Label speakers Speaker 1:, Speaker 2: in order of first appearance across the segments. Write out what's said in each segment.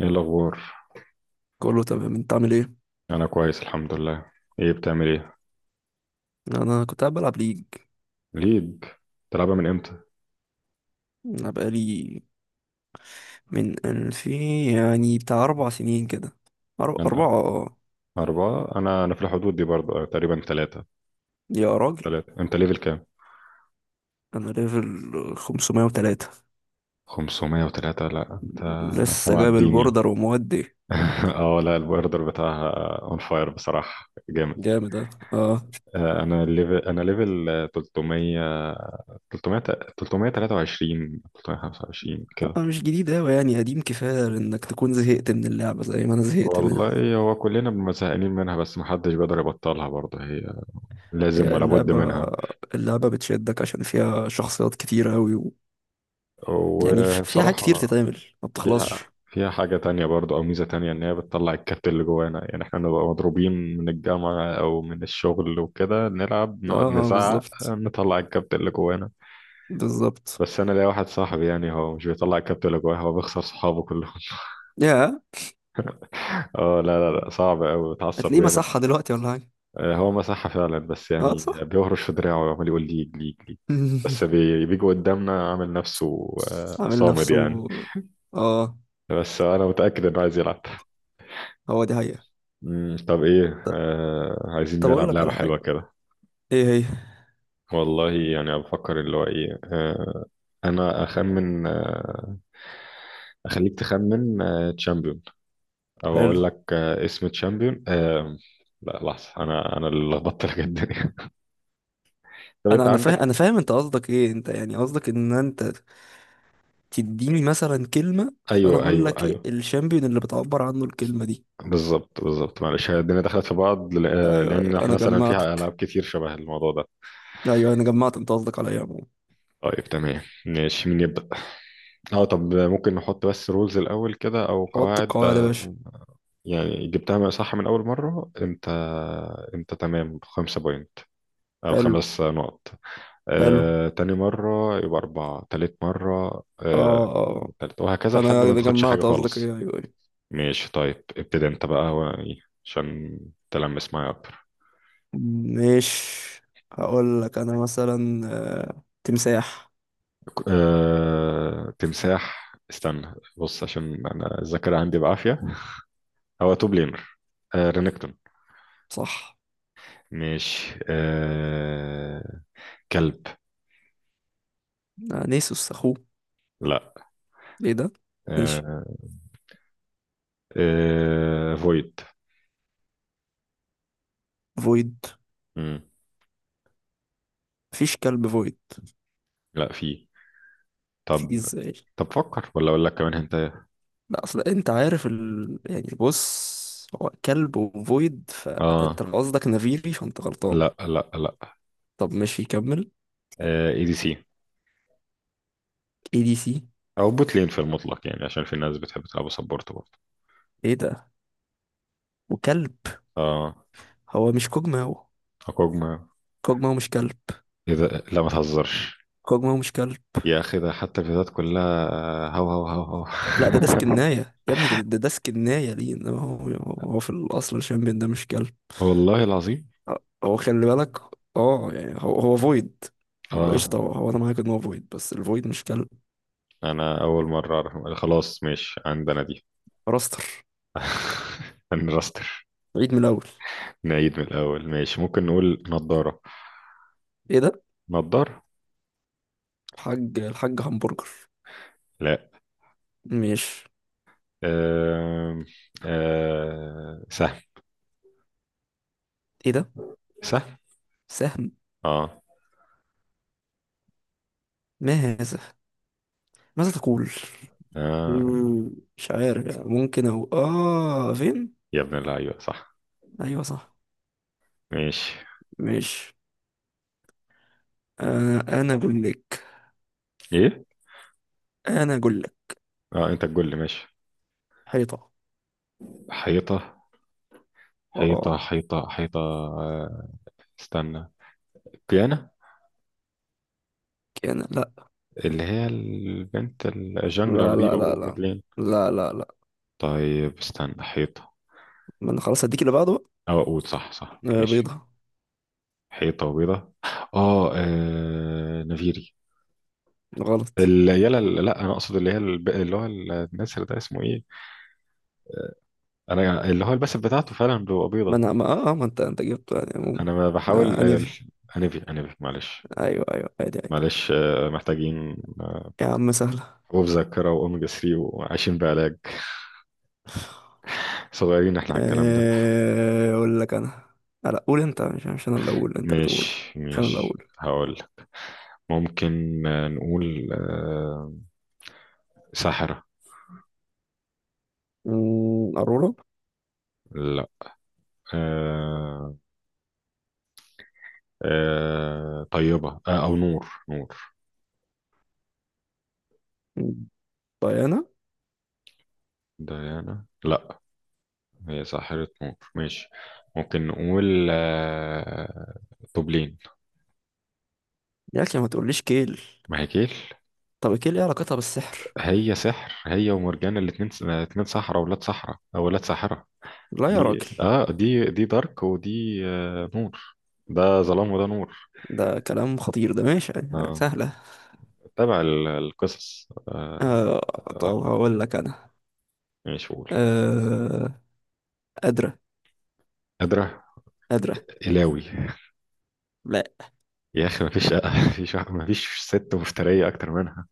Speaker 1: ايه الاخبار؟
Speaker 2: كله تمام، انت عامل ايه؟
Speaker 1: انا كويس، الحمد لله. ايه بتعمل ايه؟
Speaker 2: انا كنت قاعد بلعب ليج.
Speaker 1: ليج؟ تلعبها من امتى؟
Speaker 2: انا بقالي من الفين يعني بتاع اربع سنين كده.
Speaker 1: انا
Speaker 2: اربعة اه.
Speaker 1: اربعة. انا في الحدود دي برضه، تقريبا ثلاثة.
Speaker 2: يا راجل،
Speaker 1: ثلاثة. انت ليفل كام؟
Speaker 2: انا ليفل 503.
Speaker 1: 503؟ لا، انت انت
Speaker 2: لسه جايب
Speaker 1: معديني.
Speaker 2: البوردر ومودي
Speaker 1: اه، لا، البوردر بتاعها اون فاير، بصراحة جامد.
Speaker 2: جامد. اه اه.
Speaker 1: انا ليفل 300. 300، 323، 325 كده.
Speaker 2: انا مش جديد اوي يعني قديم كفاية انك تكون زهقت من اللعبة زي ما انا زهقت منها.
Speaker 1: والله هو كلنا بنبقى زهقانين منها، بس محدش بيقدر يبطلها، برضه هي
Speaker 2: هي
Speaker 1: لازم ولا بد
Speaker 2: اللعبة،
Speaker 1: منها.
Speaker 2: اللعبة بتشدك عشان فيها شخصيات كتير اوي و... يعني فيها حاجات كتير
Speaker 1: وبصراحة
Speaker 2: تتعمل، ما بتخلصش.
Speaker 1: فيها فيها حاجة تانية برضو، أو ميزة تانية، إن هي بتطلع الكابت اللي جوانا. يعني إحنا نبقى مضروبين من الجامعة أو من الشغل وكده، نلعب
Speaker 2: اه
Speaker 1: نقعد نزعق
Speaker 2: بالظبط،
Speaker 1: نطلع الكابت اللي جوانا.
Speaker 2: بالظبط.
Speaker 1: بس أنا ليا واحد صاحبي، يعني هو مش بيطلع الكابت اللي جواه، هو بيخسر صحابه كلهم.
Speaker 2: يا،
Speaker 1: اه، لا لا لا، صعب أوي، بتعصب
Speaker 2: هتلاقيه
Speaker 1: جامد.
Speaker 2: مسحها دلوقتي ولا حاجة؟
Speaker 1: هو مساحة فعلا، بس
Speaker 2: اه
Speaker 1: يعني
Speaker 2: صح.
Speaker 1: بيهرش في دراعه وعمال يقول ليج ليج ليج. بس بيجي قدامنا عامل نفسه،
Speaker 2: عامل
Speaker 1: صامد يعني.
Speaker 2: نفسه. اه.
Speaker 1: بس أنا متأكد إنه عايز يلعب.
Speaker 2: هو دي حقيقة.
Speaker 1: طب ايه، عايزين
Speaker 2: طب اقول
Speaker 1: نلعب
Speaker 2: لك
Speaker 1: لعبة
Speaker 2: على
Speaker 1: حلوة
Speaker 2: حاجة.
Speaker 1: كده.
Speaker 2: ايه هي؟
Speaker 1: والله يعني بفكر اللي هو ايه انا اخمن اخليك تخمن تشامبيون. او
Speaker 2: حلو.
Speaker 1: اقول لك اسم تشامبيون لا لحظة، انا اللي لخبطت لك الدنيا. طب انت
Speaker 2: انا
Speaker 1: عندك.
Speaker 2: فاهم، فاهم انت قصدك ايه، انت يعني قصدك ان انت تديني مثلا كلمة فانا
Speaker 1: ايوه،
Speaker 2: اقول
Speaker 1: ايوه،
Speaker 2: لك إيه
Speaker 1: ايوه،
Speaker 2: الشامبيون اللي بتعبر عنه الكلمة دي.
Speaker 1: بالظبط، بالظبط، معلش، هي الدنيا دخلت في بعض،
Speaker 2: ايوه ايوه،
Speaker 1: لان احنا
Speaker 2: انا
Speaker 1: مثلا فيها العاب
Speaker 2: جمعتك.
Speaker 1: كتير شبه الموضوع ده.
Speaker 2: ايوه انا جمعت انت قصدك على ايه يا عمو.
Speaker 1: طيب، تمام، ماشي، مين يبدأ؟ اه، طب ممكن نحط بس رولز الاول كده، او
Speaker 2: حط
Speaker 1: قواعد،
Speaker 2: القواعد يا باشا.
Speaker 1: يعني جبتها بقى صح من أول مرة. أنت، أنت تمام، خمسة بوينت، أو
Speaker 2: حلو.
Speaker 1: خمس نقط.
Speaker 2: حلو.
Speaker 1: تاني مرة يبقى أربعة، تالت مرة،
Speaker 2: اه. اه. آه.
Speaker 1: تالت، وهكذا لحد ما
Speaker 2: انا
Speaker 1: تاخدش حاجة
Speaker 2: جمعت قصدك ايه.
Speaker 1: خالص.
Speaker 2: ايوه أيوة.
Speaker 1: ماشي، طيب، ابتدي أنت بقى، هو إيه عشان تلمس معايا أكتر.
Speaker 2: مش هقول لك انا مثلا تمساح.
Speaker 1: تمساح. استنى بص، عشان أنا الذاكرة عندي بعافية. هو توب لينر، رينكتون.
Speaker 2: صح.
Speaker 1: ماشي. كلب.
Speaker 2: نيسوس اخوه.
Speaker 1: لا.
Speaker 2: ايه ده؟ ماشي.
Speaker 1: آه... فويد.
Speaker 2: فويد.
Speaker 1: امم
Speaker 2: مفيش كلب فويد.
Speaker 1: لا، في.
Speaker 2: في
Speaker 1: طب،
Speaker 2: ازاي؟
Speaker 1: فكر، ولا اقول لك كمان انت؟
Speaker 2: لا اصل انت عارف ال... يعني بص، هو كلب وفويد،
Speaker 1: اه،
Speaker 2: فانت لو قصدك نافيري فانت غلطان.
Speaker 1: لا لا لا.
Speaker 2: طب ماشي كمل.
Speaker 1: اي دي سي،
Speaker 2: اي دي سي.
Speaker 1: او بوت لين في المطلق، يعني عشان في ناس بتحب تلعب سبورت برضه.
Speaker 2: ايه ده؟ وكلب؟
Speaker 1: اه،
Speaker 2: هو مش كوجماو؟
Speaker 1: اكوجما.
Speaker 2: كوجماو مش كلب.
Speaker 1: ايه ده، لا ما تهزرش.
Speaker 2: كوجماو مش كلب.
Speaker 1: يا اخي، ده حتى الفيديوهات كلها هو هو هو هو.
Speaker 2: لا ده ديسك الناية يا ابني، ده ديسك الناية ليه، انما هو، هو في الاصل الشامبيون ده مش كلب.
Speaker 1: والله العظيم.
Speaker 2: هو خلي بالك، اه يعني هو فويد. هو
Speaker 1: اه.
Speaker 2: قشطة، هو انا معاك ان هو فويد، بس الفويد مش كلب.
Speaker 1: انا اول مره اعرف. خلاص، ماشي، عندنا دي.
Speaker 2: راستر.
Speaker 1: هنرستر.
Speaker 2: عيد من الاول.
Speaker 1: نعيد من الاول. ماشي، ممكن نقول نضاره.
Speaker 2: ايه ده؟
Speaker 1: نضار.
Speaker 2: الحاج الحاج همبرجر.
Speaker 1: لا.
Speaker 2: مش
Speaker 1: آم، آه، سهم.
Speaker 2: ايه ده؟
Speaker 1: سهم.
Speaker 2: سهم.
Speaker 1: اه
Speaker 2: ما هذا؟ ماذا تقول؟
Speaker 1: اه.
Speaker 2: مم، مش عارف يعني، ممكن او اه فين.
Speaker 1: يا ابن اللعيبة، صح.
Speaker 2: ايوه صح.
Speaker 1: ماشي.
Speaker 2: مش، انا اقول لك،
Speaker 1: ايه.
Speaker 2: انا اقول لك
Speaker 1: اه، انت تقول لي، ماشي.
Speaker 2: حيطة.
Speaker 1: حيطة،
Speaker 2: اه.
Speaker 1: حيطة، حيطة، حيطة، استنى. كيانا،
Speaker 2: كان لا.
Speaker 1: اللي هي البنت الجانجلر
Speaker 2: لا
Speaker 1: دي،
Speaker 2: لا لا لا،
Speaker 1: وميدلين.
Speaker 2: لا لا لا.
Speaker 1: طيب استنى، حيطة.
Speaker 2: ما انا خلاص هديك اللي بعده بقى.
Speaker 1: او اقول صح، صح. ماشي.
Speaker 2: بيضة.
Speaker 1: حيطة وبيضة. اه، نفيري،
Speaker 2: غلط.
Speaker 1: العيال. لا، انا اقصد اللي هي اللي هو النسر ده، اسمه ايه؟ انا اللي هو الباسف بتاعته فعلا بيبقى
Speaker 2: ما
Speaker 1: بيضة.
Speaker 2: انا ما اه ما انت جبته يعني عموما.
Speaker 1: انا ما
Speaker 2: آه
Speaker 1: بحاول،
Speaker 2: انيفي.
Speaker 1: انبي، معلش.
Speaker 2: ايوه ايوه، عادي عادي.
Speaker 1: معلش، محتاجين
Speaker 2: يا عم سهلة.
Speaker 1: حبوب ذاكره واوميجا 3، وعايشين بعلاج. صغيرين احنا على الكلام ده.
Speaker 2: اقول لك انا لا قول انت. مش انا اللي اقول، انت اللي تقول.
Speaker 1: مش
Speaker 2: مش انا اللي
Speaker 1: مش
Speaker 2: اقول.
Speaker 1: هقول. ممكن نقول، ساحره.
Speaker 2: ارورا.
Speaker 1: لا. آه، طيبه، او نور.
Speaker 2: أمم، ديانا.
Speaker 1: ديانا، لا. هي ساحره نور. ماشي. ممكن نقول، طبلين.
Speaker 2: يا اخي ما تقوليش كيل.
Speaker 1: مهاكيل.
Speaker 2: طب كيل ايه علاقتها بالسحر؟
Speaker 1: هي سحر، هي ومرجان الاتنين، اتنين سحرة، ولاد سحرة، او ولاد ساحرة.
Speaker 2: لا يا
Speaker 1: دي،
Speaker 2: راجل.
Speaker 1: اه، دي دارك، ودي نور. ده ظلام وده نور.
Speaker 2: ده كلام خطير ده، ماشي يعني.
Speaker 1: آه.
Speaker 2: سهلة.
Speaker 1: تابع القصص،
Speaker 2: آه طب
Speaker 1: آه،
Speaker 2: هقول لك انا.
Speaker 1: مش قول.
Speaker 2: آه قادرة.
Speaker 1: قادرة.
Speaker 2: قادرة.
Speaker 1: إلاوي.
Speaker 2: لا.
Speaker 1: يا أخي، مفيش. مفيش مفيش ست مفترية أكتر منها.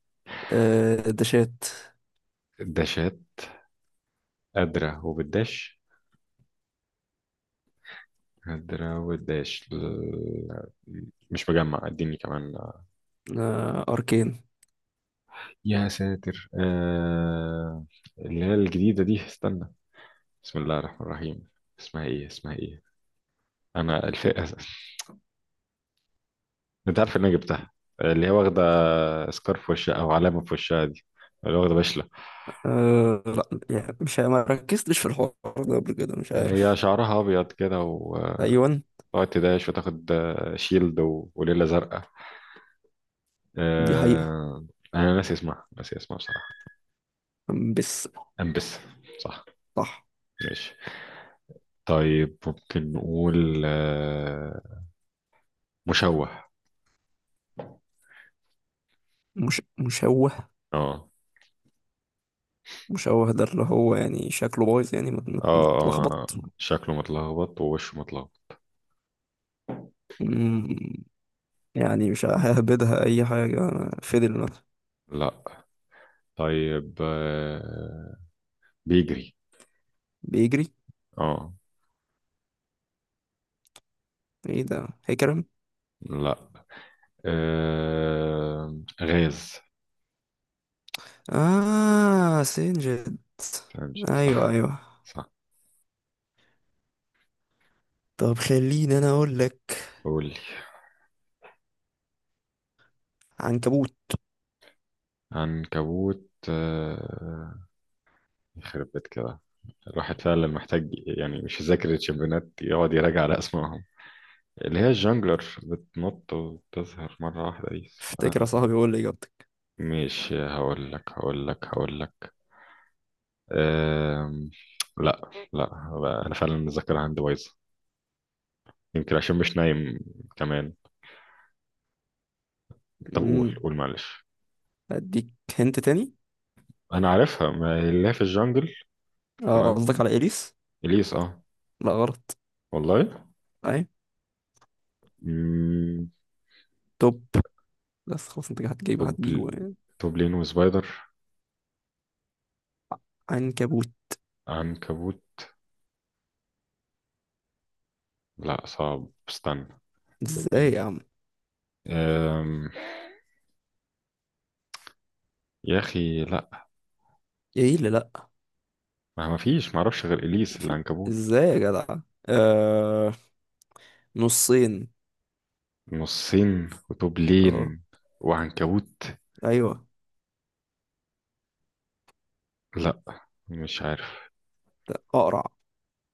Speaker 2: آه دشات.
Speaker 1: الداشات. قادرة وبالداش. قادرة والداش مش مجمع. اديني كمان.
Speaker 2: آه اركين.
Speaker 1: يا ساتر، آه. اللي هي الجديدة دي، استنى. بسم الله الرحمن الرحيم. اسمها ايه؟ اسمها ايه؟ انا انت عارف ان انا جبتها، اللي هي واخده سكارف في وشها، او علامه في وشها دي، اللي واخده بشله.
Speaker 2: أه لا، يعني مش ما ركزتش في الحوار ده قبل كده، مش
Speaker 1: هي
Speaker 2: عارف.
Speaker 1: شعرها ابيض كده، وتقعد
Speaker 2: ايوه.
Speaker 1: تداش، وتاخد شيلد وليله زرقاء.
Speaker 2: دي حقيقة.
Speaker 1: أه... انا ناسي اسمها، ناسي اسمها بصراحه.
Speaker 2: بس.
Speaker 1: امبس. صح.
Speaker 2: صح.
Speaker 1: ماشي. طيب ممكن نقول، مشوه.
Speaker 2: مش مشوه.
Speaker 1: اه،
Speaker 2: مشوه ده اللي هو يعني شكله بايظ، يعني
Speaker 1: اه،
Speaker 2: متلخبط.
Speaker 1: اه، شكله متلخبط، ووشه متلخبط.
Speaker 2: مم، يعني مش ههبدها اي حاجة. فضل مثلا.
Speaker 1: لا. طيب، بيجري.
Speaker 2: بيجري.
Speaker 1: اه.
Speaker 2: ايه ده هيكرم.
Speaker 1: لا. غاز.
Speaker 2: اه سنجد.
Speaker 1: فهمت.
Speaker 2: ايوه
Speaker 1: صح.
Speaker 2: ايوه.
Speaker 1: صح.
Speaker 2: طب خليني انا اقول لك.
Speaker 1: قول لي.
Speaker 2: عنكبوت.
Speaker 1: عنكبوت. يخرب بيت كده. الواحد فعلا محتاج، يعني مش يذاكر الشمبيونات، يقعد يراجع على اسمائهم. اللي هي الجانجلر بتنط وتظهر مرة واحدة دي،
Speaker 2: افتكر يا
Speaker 1: اسمها-.
Speaker 2: صاحبي، قول لي اجابتك.
Speaker 1: ماشي، هقول لك، هقول لك، هقول لك. آم... لا لا، هو أنا فعلا الذاكرة عندي بايظة. يمكن عشان مش نايم كمان. طب، قول،
Speaker 2: امم.
Speaker 1: معلش.
Speaker 2: اديك هنت تاني.
Speaker 1: انا عارفها، ما هي اللي هي في الجنجل.
Speaker 2: اه قصدك
Speaker 1: تمام،
Speaker 2: على اليس؟
Speaker 1: اليس، اه.
Speaker 2: لا غلط.
Speaker 1: والله.
Speaker 2: اي
Speaker 1: مم.
Speaker 2: توب. بس خلاص انت هتجيبه هتجيبه
Speaker 1: توبل.
Speaker 2: يعني.
Speaker 1: توبلين، وسبايدر.
Speaker 2: عنكبوت.
Speaker 1: عنكبوت. لا، صعب، استنى. توبلين.
Speaker 2: ازاي يا عم؟
Speaker 1: أم... يا اخي، لا.
Speaker 2: ايه اللي لا؟
Speaker 1: ما فيش، ما اعرفش غير اليس
Speaker 2: في.
Speaker 1: العنكبوت.
Speaker 2: ازاي يا جدع؟ آه... نصين.
Speaker 1: نصين،
Speaker 2: اه.
Speaker 1: وتوبلين، وعنكبوت.
Speaker 2: ايوه.
Speaker 1: لا، مش عارف.
Speaker 2: لا اقرع.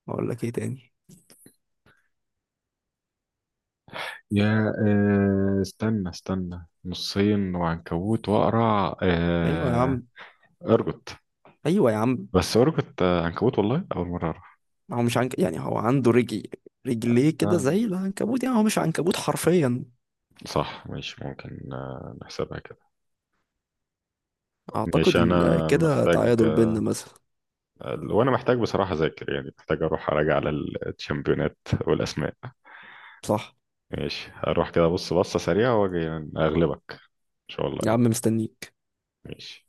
Speaker 2: اقول لك ايه تاني؟
Speaker 1: يا، استنى نصين، وعنكبوت، واقرع،
Speaker 2: ايوه يا عم.
Speaker 1: ارجوت.
Speaker 2: ايوه يا عم.
Speaker 1: بس ارجوت، عنكبوت، والله اول مره أعرف.
Speaker 2: هو مش عنك، يعني هو عنده رجل، رجليه كده
Speaker 1: آه.
Speaker 2: زي العنكبوت، يعني هو مش عنكبوت حرفيا.
Speaker 1: صح ماشي، ممكن نحسبها كده.
Speaker 2: اعتقد
Speaker 1: ماشي،
Speaker 2: ان
Speaker 1: انا
Speaker 2: كده
Speaker 1: محتاج.
Speaker 2: تعادل بينا مثلا.
Speaker 1: وانا محتاج بصراحة اذاكر، يعني محتاج اروح اراجع على الشامبيونات والاسماء.
Speaker 2: صح.
Speaker 1: ماشي، هروح كده بص بصة سريعة واجي، يعني اغلبك ان شاء الله
Speaker 2: يا عم
Speaker 1: يعني.
Speaker 2: مستنيك.
Speaker 1: ماشي.